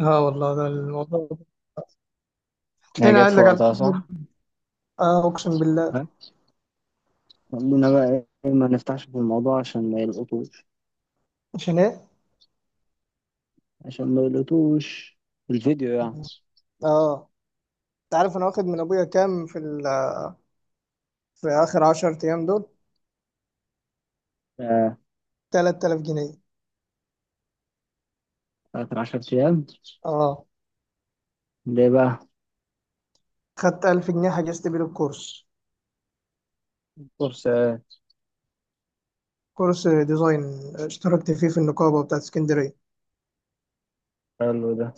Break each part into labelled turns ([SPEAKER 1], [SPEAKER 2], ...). [SPEAKER 1] اه والله ده الموضوع.
[SPEAKER 2] هي
[SPEAKER 1] تلاقيني
[SPEAKER 2] جت
[SPEAKER 1] قايل
[SPEAKER 2] في
[SPEAKER 1] لك على
[SPEAKER 2] وقتها صح؟
[SPEAKER 1] اه، اقسم بالله.
[SPEAKER 2] ها؟ خلونا بقى. ايه، ما نفتحش في الموضوع عشان ما يلقطوش،
[SPEAKER 1] عشان ايه؟
[SPEAKER 2] عشان ما يلقطوش الفيديو يعني.
[SPEAKER 1] اه، انت عارف انا واخد من ابويا كام في اخر 10 ايام دول؟
[SPEAKER 2] آه،
[SPEAKER 1] 3000 جنيه.
[SPEAKER 2] آخر عشر أيام.
[SPEAKER 1] اه،
[SPEAKER 2] ليه بقى؟
[SPEAKER 1] خدت 1000 جنيه حجزت بيه الكورس،
[SPEAKER 2] كورسات.
[SPEAKER 1] كورس ديزاين، اشتركت فيه في النقابه بتاعت اسكندريه.
[SPEAKER 2] حلو ده.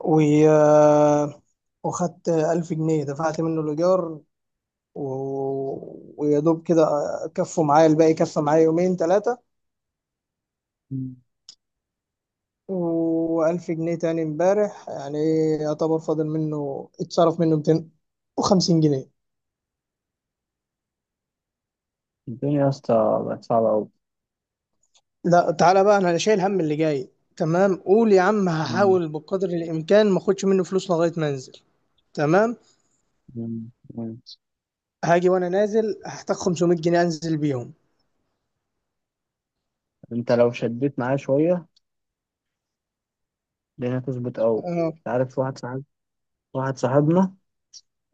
[SPEAKER 1] و آه، وخدت 1000 جنيه دفعت منه الايجار و... ويا دوب كده، كفوا معايا الباقي، كفى معايا يومين ثلاثه.
[SPEAKER 2] مم.
[SPEAKER 1] وألف جنيه تاني امبارح، يعني إيه، يعتبر فاضل منه، اتصرف منه 250 جنيه.
[SPEAKER 2] الدنيا يا اسطى بقت صعبة أوي.
[SPEAKER 1] لا تعالى بقى، أنا شايل هم اللي جاي. تمام، قول يا عم
[SPEAKER 2] مم.
[SPEAKER 1] هحاول بقدر الإمكان ما أخدش منه فلوس لغاية ما أنزل. تمام.
[SPEAKER 2] مم. مم.
[SPEAKER 1] هاجي وأنا نازل هحتاج 500 جنيه أنزل بيهم.
[SPEAKER 2] أنت لو شديت معاه شوية الدنيا هتظبط أوي.
[SPEAKER 1] آه.
[SPEAKER 2] أنت عارف واحد صاحبنا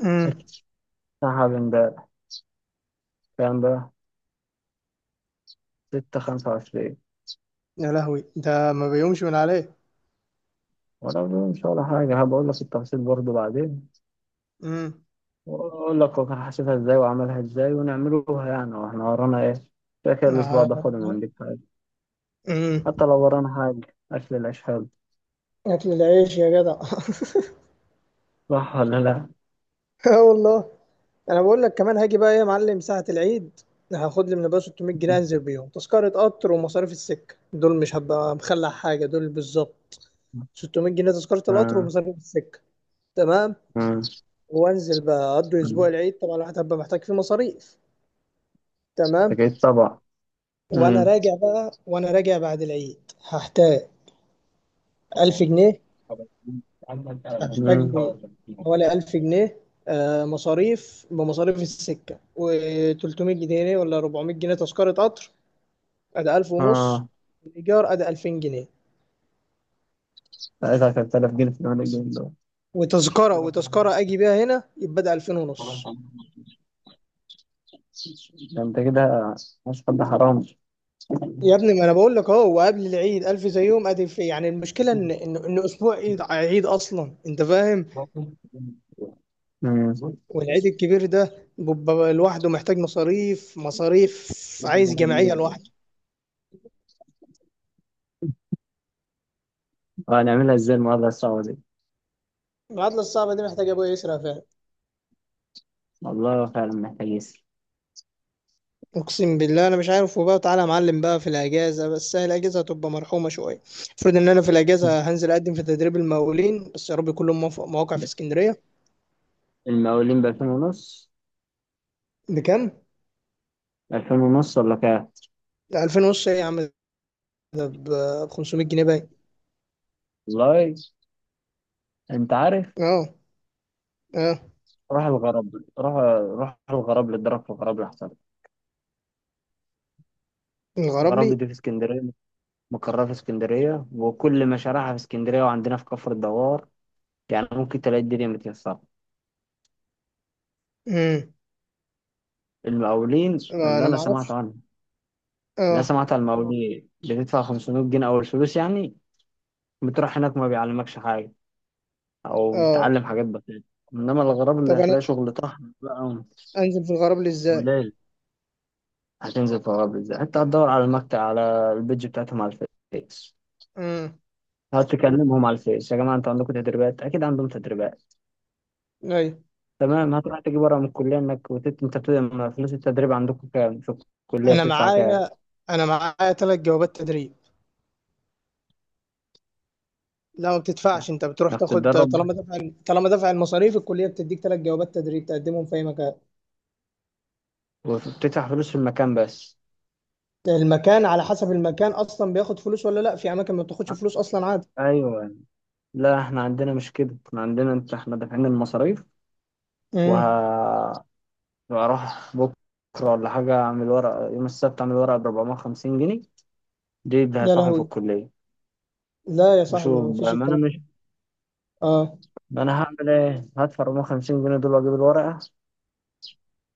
[SPEAKER 1] أمم.
[SPEAKER 2] سحب امبارح. كام بقى؟ 6، 25.
[SPEAKER 1] يا لهوي، ده ما بيقومش من عليه.
[SPEAKER 2] ولا مش ولا حاجة، هبقول لك التفاصيل برضه بعدين
[SPEAKER 1] امم
[SPEAKER 2] واقول لك هو كان حاسبها ازاي وعملها ازاي ونعملوها يعني واحنا ورانا ايه. كده كده الاسبوع ده
[SPEAKER 1] آه.
[SPEAKER 2] فاضي، ما عندك حاجه.
[SPEAKER 1] امم
[SPEAKER 2] حتى لو ورانا حاجه، اكل العيش حلو.
[SPEAKER 1] أكل العيش يا جدع.
[SPEAKER 2] صح ولا لا؟
[SPEAKER 1] اه والله، انا بقول لك كمان، هاجي بقى ايه يا معلم ساعة العيد، هاخد لي من ابويا 600 جنيه انزل بيهم تذكرة قطر ومصاريف السكة، دول مش هبقى مخلع حاجة، دول بالظبط 600 جنيه تذكرة القطر
[SPEAKER 2] آه.
[SPEAKER 1] ومصاريف السكة. تمام.
[SPEAKER 2] آه.
[SPEAKER 1] وانزل بقى اقضي اسبوع العيد، طبعا الواحد هبقى محتاج فيه مصاريف. تمام.
[SPEAKER 2] أكيد طبعا.
[SPEAKER 1] وانا
[SPEAKER 2] مم.
[SPEAKER 1] راجع بقى، وانا راجع بعد العيد هحتاج 1000 جنيه، هحتاج
[SPEAKER 2] مم.
[SPEAKER 1] لي حوالي 1000 جنيه، آه، مصاريف بمصاريف السكة و300 جنيه ولا 400 جنيه تذكرة قطر. أدي 1000 ونص.
[SPEAKER 2] اه،
[SPEAKER 1] الإيجار أدي 2000 جنيه.
[SPEAKER 2] ساعتها كانت 3000 جنيه في اليوم، الجنيه دول.
[SPEAKER 1] وتذكرة وتذكرة أجي بيها هنا، يبقى أدي 2000 ونص.
[SPEAKER 2] ده انت كده مش حد حرام.
[SPEAKER 1] يا ابني ما أنا بقول لك أهو، وقبل العيد 1000 زيهم أدي في، يعني المشكلة إن أسبوع عيد، عيد أصلا، أنت فاهم.
[SPEAKER 2] مم.
[SPEAKER 1] والعيد الكبير ده بيبقى لوحده محتاج مصاريف مصاريف، عايز جمعية لوحده.
[SPEAKER 2] هنعملها ازاي المعادلة الصعبة دي؟
[SPEAKER 1] العطلة الصعبة دي محتاجة أبويا يسرق فيها.
[SPEAKER 2] والله فعلا محتاج يسر.
[SPEAKER 1] اقسم بالله انا مش عارف. وبقى تعالى يا معلم بقى في الاجازه، بس هي الاجازه هتبقى مرحومه شويه. المفروض ان انا في الاجازه هنزل اقدم في تدريب المقاولين، بس يا رب كلهم مواقع في اسكندريه.
[SPEAKER 2] المقاولين بألفين ونص؟
[SPEAKER 1] بكام؟
[SPEAKER 2] ألفين ونص ولا كام؟
[SPEAKER 1] 2000 ونص ايه يا عم؟ ده ب 500 جنيه باين.
[SPEAKER 2] والله. انت عارف،
[SPEAKER 1] اه. اه.
[SPEAKER 2] راح الغرب راح. راح الغرب اتضرب في الغرب احسن.
[SPEAKER 1] الغراب
[SPEAKER 2] الغرب
[SPEAKER 1] لي.
[SPEAKER 2] دي في اسكندريه، مقرها في اسكندريه وكل مشاريعها في اسكندريه وعندنا في كفر الدوار، يعني ممكن تلاقي الدنيا متيسره.
[SPEAKER 1] امم
[SPEAKER 2] المقاولين اللي
[SPEAKER 1] انا
[SPEAKER 2] انا
[SPEAKER 1] ما
[SPEAKER 2] سمعت
[SPEAKER 1] اعرفش.
[SPEAKER 2] عنه، اللي
[SPEAKER 1] اه.
[SPEAKER 2] سمعت عن المقاولين بتدفع 500 جنيه اول فلوس يعني، بتروح هناك ما بيعلمكش حاجه او
[SPEAKER 1] اه.
[SPEAKER 2] بتتعلم حاجات بسيطه. انما الغرب اللي
[SPEAKER 1] طب انا
[SPEAKER 2] هتلاقي شغل طحن بقى.
[SPEAKER 1] انزل في الغراب لي ازاي؟
[SPEAKER 2] قليل. هتنزل في الغرب ازاي؟ انت هتدور على المكتب، على البيج بتاعتهم، على الفيس.
[SPEAKER 1] امم
[SPEAKER 2] هتقعد تكلمهم على الفيس: يا جماعه انتوا عندكم تدريبات؟ اكيد عندهم تدريبات.
[SPEAKER 1] ايوه.
[SPEAKER 2] تمام، هتروح تجيب ورقه من الكليه انك ما فلوس التدريب عندكم كام؟ في الكليه
[SPEAKER 1] انا
[SPEAKER 2] بتدفع كام؟
[SPEAKER 1] معايا، انا معايا 3 جوابات تدريب. لا، ما بتدفعش، انت بتروح
[SPEAKER 2] انك
[SPEAKER 1] تاخد،
[SPEAKER 2] تتدرب
[SPEAKER 1] طالما دفع، طالما دفع المصاريف، الكليه بتديك 3 جوابات تدريب تقدمهم في اي مكان.
[SPEAKER 2] وبتدفع فلوس في المكان بس.
[SPEAKER 1] المكان على حسب المكان اصلا بياخد فلوس ولا لا، في اماكن ما بتاخدش فلوس اصلا عادي.
[SPEAKER 2] ايوه. لا احنا عندنا مش كده، احنا عندنا انت احنا دافعين المصاريف.
[SPEAKER 1] امم
[SPEAKER 2] وهروح بكره ولا حاجه اعمل ورقه، يوم السبت اعمل ورقه ب 450 جنيه، دي اللي
[SPEAKER 1] يا
[SPEAKER 2] هدفعهم في
[SPEAKER 1] لهوي.
[SPEAKER 2] الكليه.
[SPEAKER 1] لا يا صاحبي،
[SPEAKER 2] بشوف
[SPEAKER 1] ما
[SPEAKER 2] بقى،
[SPEAKER 1] فيش
[SPEAKER 2] ما انا
[SPEAKER 1] الكلام
[SPEAKER 2] مش،
[SPEAKER 1] ده. اه.
[SPEAKER 2] ما انا هعمل ايه؟ هدفع 450 جنيه دول واجيب الورقه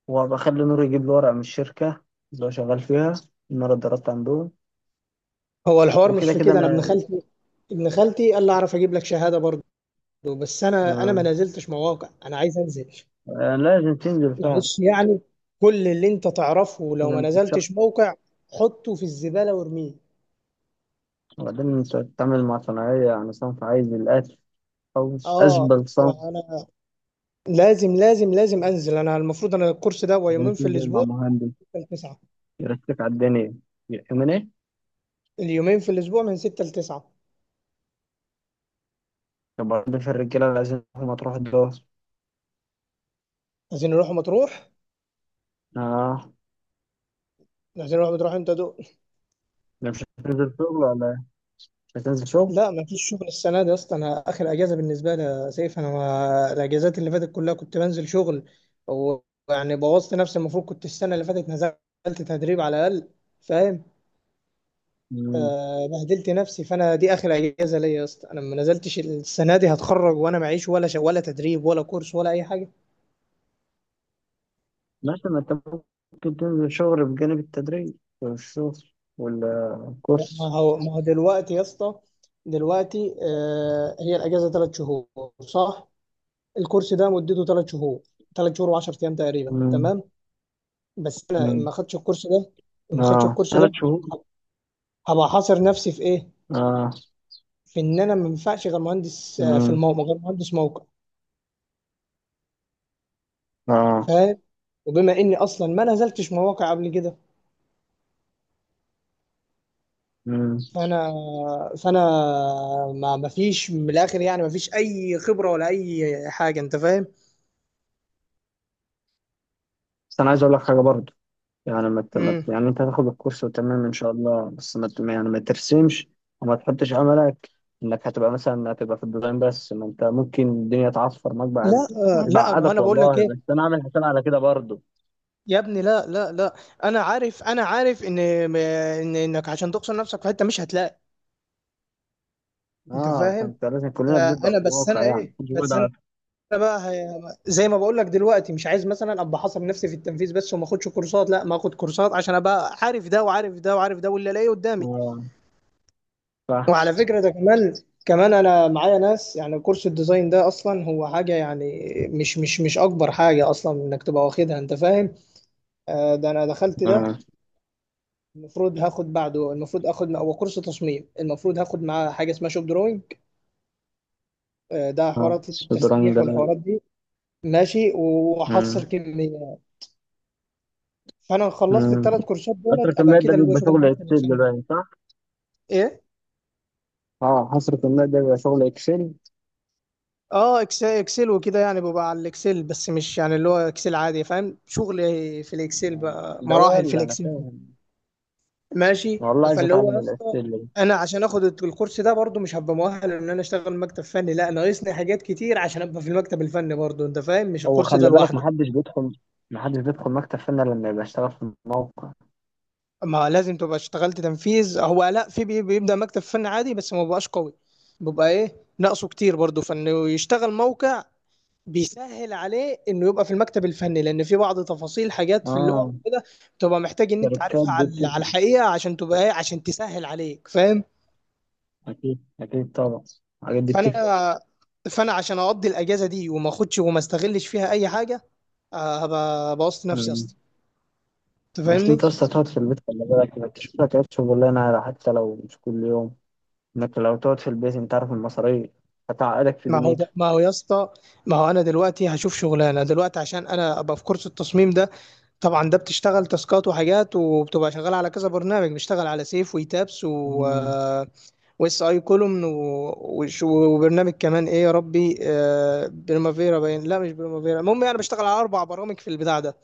[SPEAKER 2] وبخلي نور يجيب لي ورقة من الشركة اللي هو شغال فيها، إن أنا اتدربت عندهم.
[SPEAKER 1] هو الحوار مش
[SPEAKER 2] وكده
[SPEAKER 1] في
[SPEAKER 2] كده
[SPEAKER 1] كده، انا ابن
[SPEAKER 2] أنا،
[SPEAKER 1] خالتي، ابن خالتي قال لي اعرف اجيب لك شهاده برضه. بس انا ما
[SPEAKER 2] آه،
[SPEAKER 1] نزلتش مواقع، انا عايز انزل.
[SPEAKER 2] آه، لازم تنزل فعلا.
[SPEAKER 1] معلش يعني، كل اللي انت تعرفه لو ما
[SPEAKER 2] لازم تتشرف.
[SPEAKER 1] نزلتش موقع، حطه في الزباله وارميه.
[SPEAKER 2] وبعدين أنت بتتعامل مع صناعية، يعني صنف عايز الأكل أو
[SPEAKER 1] اه،
[SPEAKER 2] أشبه صنف.
[SPEAKER 1] فانا لازم انزل. انا المفروض انا الكورس ده هو
[SPEAKER 2] لازم
[SPEAKER 1] يومين في
[SPEAKER 2] تنزل مع
[SPEAKER 1] الاسبوع
[SPEAKER 2] مهندس
[SPEAKER 1] من 6 ل 9.
[SPEAKER 2] يرتب على الدنيا، يأمن.
[SPEAKER 1] اليومين في الاسبوع من 6 ل 9.
[SPEAKER 2] برضه في الرجالة لازم ما تروح الدور.
[SPEAKER 1] عايزين نروح مطروح،
[SPEAKER 2] آه.
[SPEAKER 1] عايزين نروح مطروح، انت دو
[SPEAKER 2] لا مش هتنزل شغل ولا إيه؟ مش هتنزل شغل.
[SPEAKER 1] لا ما فيش شغل السنه دي يا اسطى، انا اخر اجازه بالنسبه لي يا سيف، انا ما... الاجازات اللي فاتت كلها كنت بنزل شغل، ويعني بوظت نفسي، المفروض كنت السنه اللي فاتت نزلت تدريب على الاقل، فاهم؟
[SPEAKER 2] مم.
[SPEAKER 1] آه، بهدلت نفسي، فانا دي اخر اجازه ليا يا اسطى، انا ما نزلتش السنه دي، هتخرج وانا معيش ولا تدريب ولا كورس ولا اي حاجه.
[SPEAKER 2] ماشي، ما أنت ممكن تنزل شغل بجانب التدريب والشغل
[SPEAKER 1] ما
[SPEAKER 2] والكورس.
[SPEAKER 1] هو ما هو دلوقتي يا اسطى، دلوقتي آه، هي الاجازه 3 شهور، صح؟ الكورس ده مدته 3 شهور، ثلاث شهور و10 ايام تقريبا، تمام. بس انا
[SPEAKER 2] مم.
[SPEAKER 1] ما خدتش الكورس ده، ما خدتش
[SPEAKER 2] اه
[SPEAKER 1] الكورس
[SPEAKER 2] ثلاث
[SPEAKER 1] ده،
[SPEAKER 2] شهور
[SPEAKER 1] هبقى حاصر نفسي في ايه؟
[SPEAKER 2] اه.
[SPEAKER 1] في ان انا ما ينفعش غير مهندس، آه، في
[SPEAKER 2] مم.
[SPEAKER 1] الموقع غير مهندس موقع،
[SPEAKER 2] اه.
[SPEAKER 1] فاهم؟ وبما اني اصلا ما نزلتش مواقع قبل كده،
[SPEAKER 2] مم.
[SPEAKER 1] فانا فانا ما فيش، من الاخر يعني ما فيش اي خبره ولا اي حاجه، انت فاهم.
[SPEAKER 2] بس انا عايز اقول لك حاجه برضه، يعني ما ت- ما ت-
[SPEAKER 1] مم.
[SPEAKER 2] يعني انت هتاخد الكورس وتمام ان شاء الله، بس ما ت- يعني ما ترسمش وما تحطش املك انك هتبقى مثلا هتبقى في الديزاين بس، ما انت ممكن الدنيا تعصفر معاك
[SPEAKER 1] لا
[SPEAKER 2] بعد.
[SPEAKER 1] آه،
[SPEAKER 2] مش
[SPEAKER 1] لا، ما
[SPEAKER 2] بعقدك
[SPEAKER 1] انا بقول لك
[SPEAKER 2] والله،
[SPEAKER 1] ايه.
[SPEAKER 2] بس انا عامل حساب على كده برضه.
[SPEAKER 1] يا ابني لا، انا عارف، انا عارف ان انك عشان تقصر نفسك في حته مش هتلاقي. انت
[SPEAKER 2] اه،
[SPEAKER 1] فاهم.
[SPEAKER 2] فانت لازم، كلنا
[SPEAKER 1] آه،
[SPEAKER 2] بنبدا
[SPEAKER 1] انا
[SPEAKER 2] في
[SPEAKER 1] بس
[SPEAKER 2] الواقع
[SPEAKER 1] انا
[SPEAKER 2] يعني
[SPEAKER 1] ايه،
[SPEAKER 2] مجهود،
[SPEAKER 1] بس انا
[SPEAKER 2] عارف.
[SPEAKER 1] بقى زي ما بقول لك، دلوقتي مش عايز مثلا ابقى حاصر نفسي في التنفيذ بس وما اخدش كورسات، لا، ما اخد كورسات عشان ابقى عارف ده وعارف ده وعارف ده واللي الاقيه قدامي.
[SPEAKER 2] اه. صح.
[SPEAKER 1] وعلى فكره ده كمان، كمان انا معايا ناس، يعني كورس الديزاين ده اصلا هو حاجه يعني مش اكبر حاجه اصلا انك تبقى واخدها، انت فاهم. آه، ده انا دخلت
[SPEAKER 2] اه.
[SPEAKER 1] ده، المفروض هاخد بعده، المفروض اخد هو كورس تصميم، المفروض هاخد معاه حاجه اسمها شوب دروينج، آه، ده
[SPEAKER 2] اه
[SPEAKER 1] حوارات
[SPEAKER 2] شطرنج ده.
[SPEAKER 1] التسليح والحوارات دي. ماشي. وحصر كميه. فانا خلصت
[SPEAKER 2] مم.
[SPEAKER 1] الـ3 كورسات دولت،
[SPEAKER 2] حسرة
[SPEAKER 1] ابقى
[SPEAKER 2] الماء ده
[SPEAKER 1] كده اللي هو
[SPEAKER 2] بيبقى
[SPEAKER 1] شغل
[SPEAKER 2] شغل
[SPEAKER 1] المكتب
[SPEAKER 2] اكسل
[SPEAKER 1] الفني.
[SPEAKER 2] باين، صح؟
[SPEAKER 1] ايه.
[SPEAKER 2] اه، حصرة الماء ده بيبقى شغل اكسل.
[SPEAKER 1] اه اكسل وكده، يعني ببقى على الاكسل بس، مش يعني اللي هو اكسل عادي، فاهم، شغل في الاكسل
[SPEAKER 2] آه.
[SPEAKER 1] بقى،
[SPEAKER 2] ده
[SPEAKER 1] مراحل في
[SPEAKER 2] ولا انا
[SPEAKER 1] الاكسل.
[SPEAKER 2] فاهم.
[SPEAKER 1] ماشي.
[SPEAKER 2] والله عايز
[SPEAKER 1] فاللي هو
[SPEAKER 2] اتعلم
[SPEAKER 1] يا اسطى،
[SPEAKER 2] الاكسل ده.
[SPEAKER 1] انا عشان اخد الكورس ده برضو مش هبقى مؤهل ان انا اشتغل مكتب فني، لا، ناقصني حاجات كتير عشان ابقى في المكتب الفني برضو، انت فاهم، مش
[SPEAKER 2] هو
[SPEAKER 1] الكورس ده
[SPEAKER 2] خلي بالك،
[SPEAKER 1] لوحده.
[SPEAKER 2] محدش بيدخل، محدش بيدخل مكتب فني إلا لما يبقى اشتغل في الموقع.
[SPEAKER 1] اما لازم تبقى اشتغلت تنفيذ، هو لا في بيبدا مكتب فني عادي بس ما بقاش قوي، بيبقى ايه، ناقصه كتير برضو، فانه يشتغل موقع بيسهل عليه انه يبقى في المكتب الفني، لان في بعض تفاصيل حاجات في اللغه
[SPEAKER 2] اه.
[SPEAKER 1] كده بتبقى محتاج ان انت
[SPEAKER 2] شركات
[SPEAKER 1] عارفها
[SPEAKER 2] دي
[SPEAKER 1] على على
[SPEAKER 2] بتفهم.
[SPEAKER 1] الحقيقه عشان تبقى ايه، عشان تسهل عليك، فاهم.
[SPEAKER 2] اكيد اكيد طبعا. الحاجات دي بتفرق.
[SPEAKER 1] فانا فانا عشان اقضي الاجازه دي وما اخدش وما استغلش فيها اي حاجه، آه، هبقى بوظت نفسي يا
[SPEAKER 2] مم.
[SPEAKER 1] اسطى، انت
[SPEAKER 2] بس
[SPEAKER 1] فاهمني.
[SPEAKER 2] انت اصلا تقعد في البيت، خلي بالك انك تشوف لك عيش شغلانه، على حتى لو مش كل يوم، انك لو تقعد في البيت انت عارف المصاريف هتعقدك في
[SPEAKER 1] ما هو
[SPEAKER 2] دنيتك.
[SPEAKER 1] ده ما هو يا اسطى، ما هو انا دلوقتي هشوف شغلانه دلوقتي عشان انا ابقى في كورس التصميم ده. طبعا ده بتشتغل تاسكات وحاجات وبتبقى شغال على كذا برنامج، بتشتغل على سيف ويتابس و
[SPEAKER 2] مم.
[SPEAKER 1] آه، واس اي كولومن، وبرنامج كمان ايه يا ربي، آه، بريمافيرا باين، لا مش بريمافيرا، المهم يعني بشتغل على 4 برامج في البتاع ده.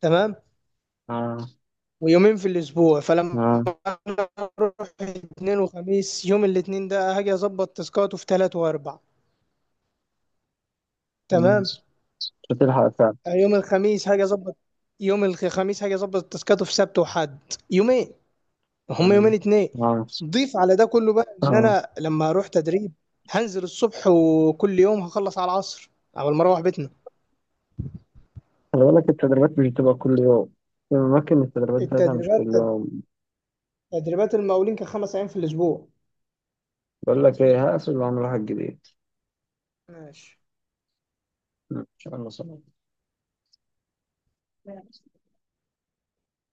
[SPEAKER 1] تمام.
[SPEAKER 2] اه.
[SPEAKER 1] ويومين في الاسبوع، فلما
[SPEAKER 2] اه.
[SPEAKER 1] أنا هروح الاثنين وخميس، يوم الاثنين ده هاجي اظبط تاسكات في تلات واربع،
[SPEAKER 2] مم.
[SPEAKER 1] تمام،
[SPEAKER 2] مش هتلحق فعلا.
[SPEAKER 1] آه، يوم الخميس هاجي اظبط، يوم الخميس هاجي اظبط تاسكات في سبت وحد. يومين، هم
[SPEAKER 2] يعني
[SPEAKER 1] يومين اتنين.
[SPEAKER 2] مع نفسك.
[SPEAKER 1] ضيف على ده كله بقى ان
[SPEAKER 2] اه،
[SPEAKER 1] انا لما اروح تدريب، هنزل الصبح وكل يوم هخلص على العصر على ما اروح بيتنا.
[SPEAKER 2] خلي بالك التدريبات مش بتبقى كل يوم، في أماكن التدريبات بتاعتها مش
[SPEAKER 1] التدريبات،
[SPEAKER 2] كل يوم.
[SPEAKER 1] تدريبات المقاولين كان 5 ايام في الاسبوع.
[SPEAKER 2] بقول لك إيه، هقفل وأعمل واحد جديد.
[SPEAKER 1] ماشي.
[SPEAKER 2] إن شاء الله، سلام.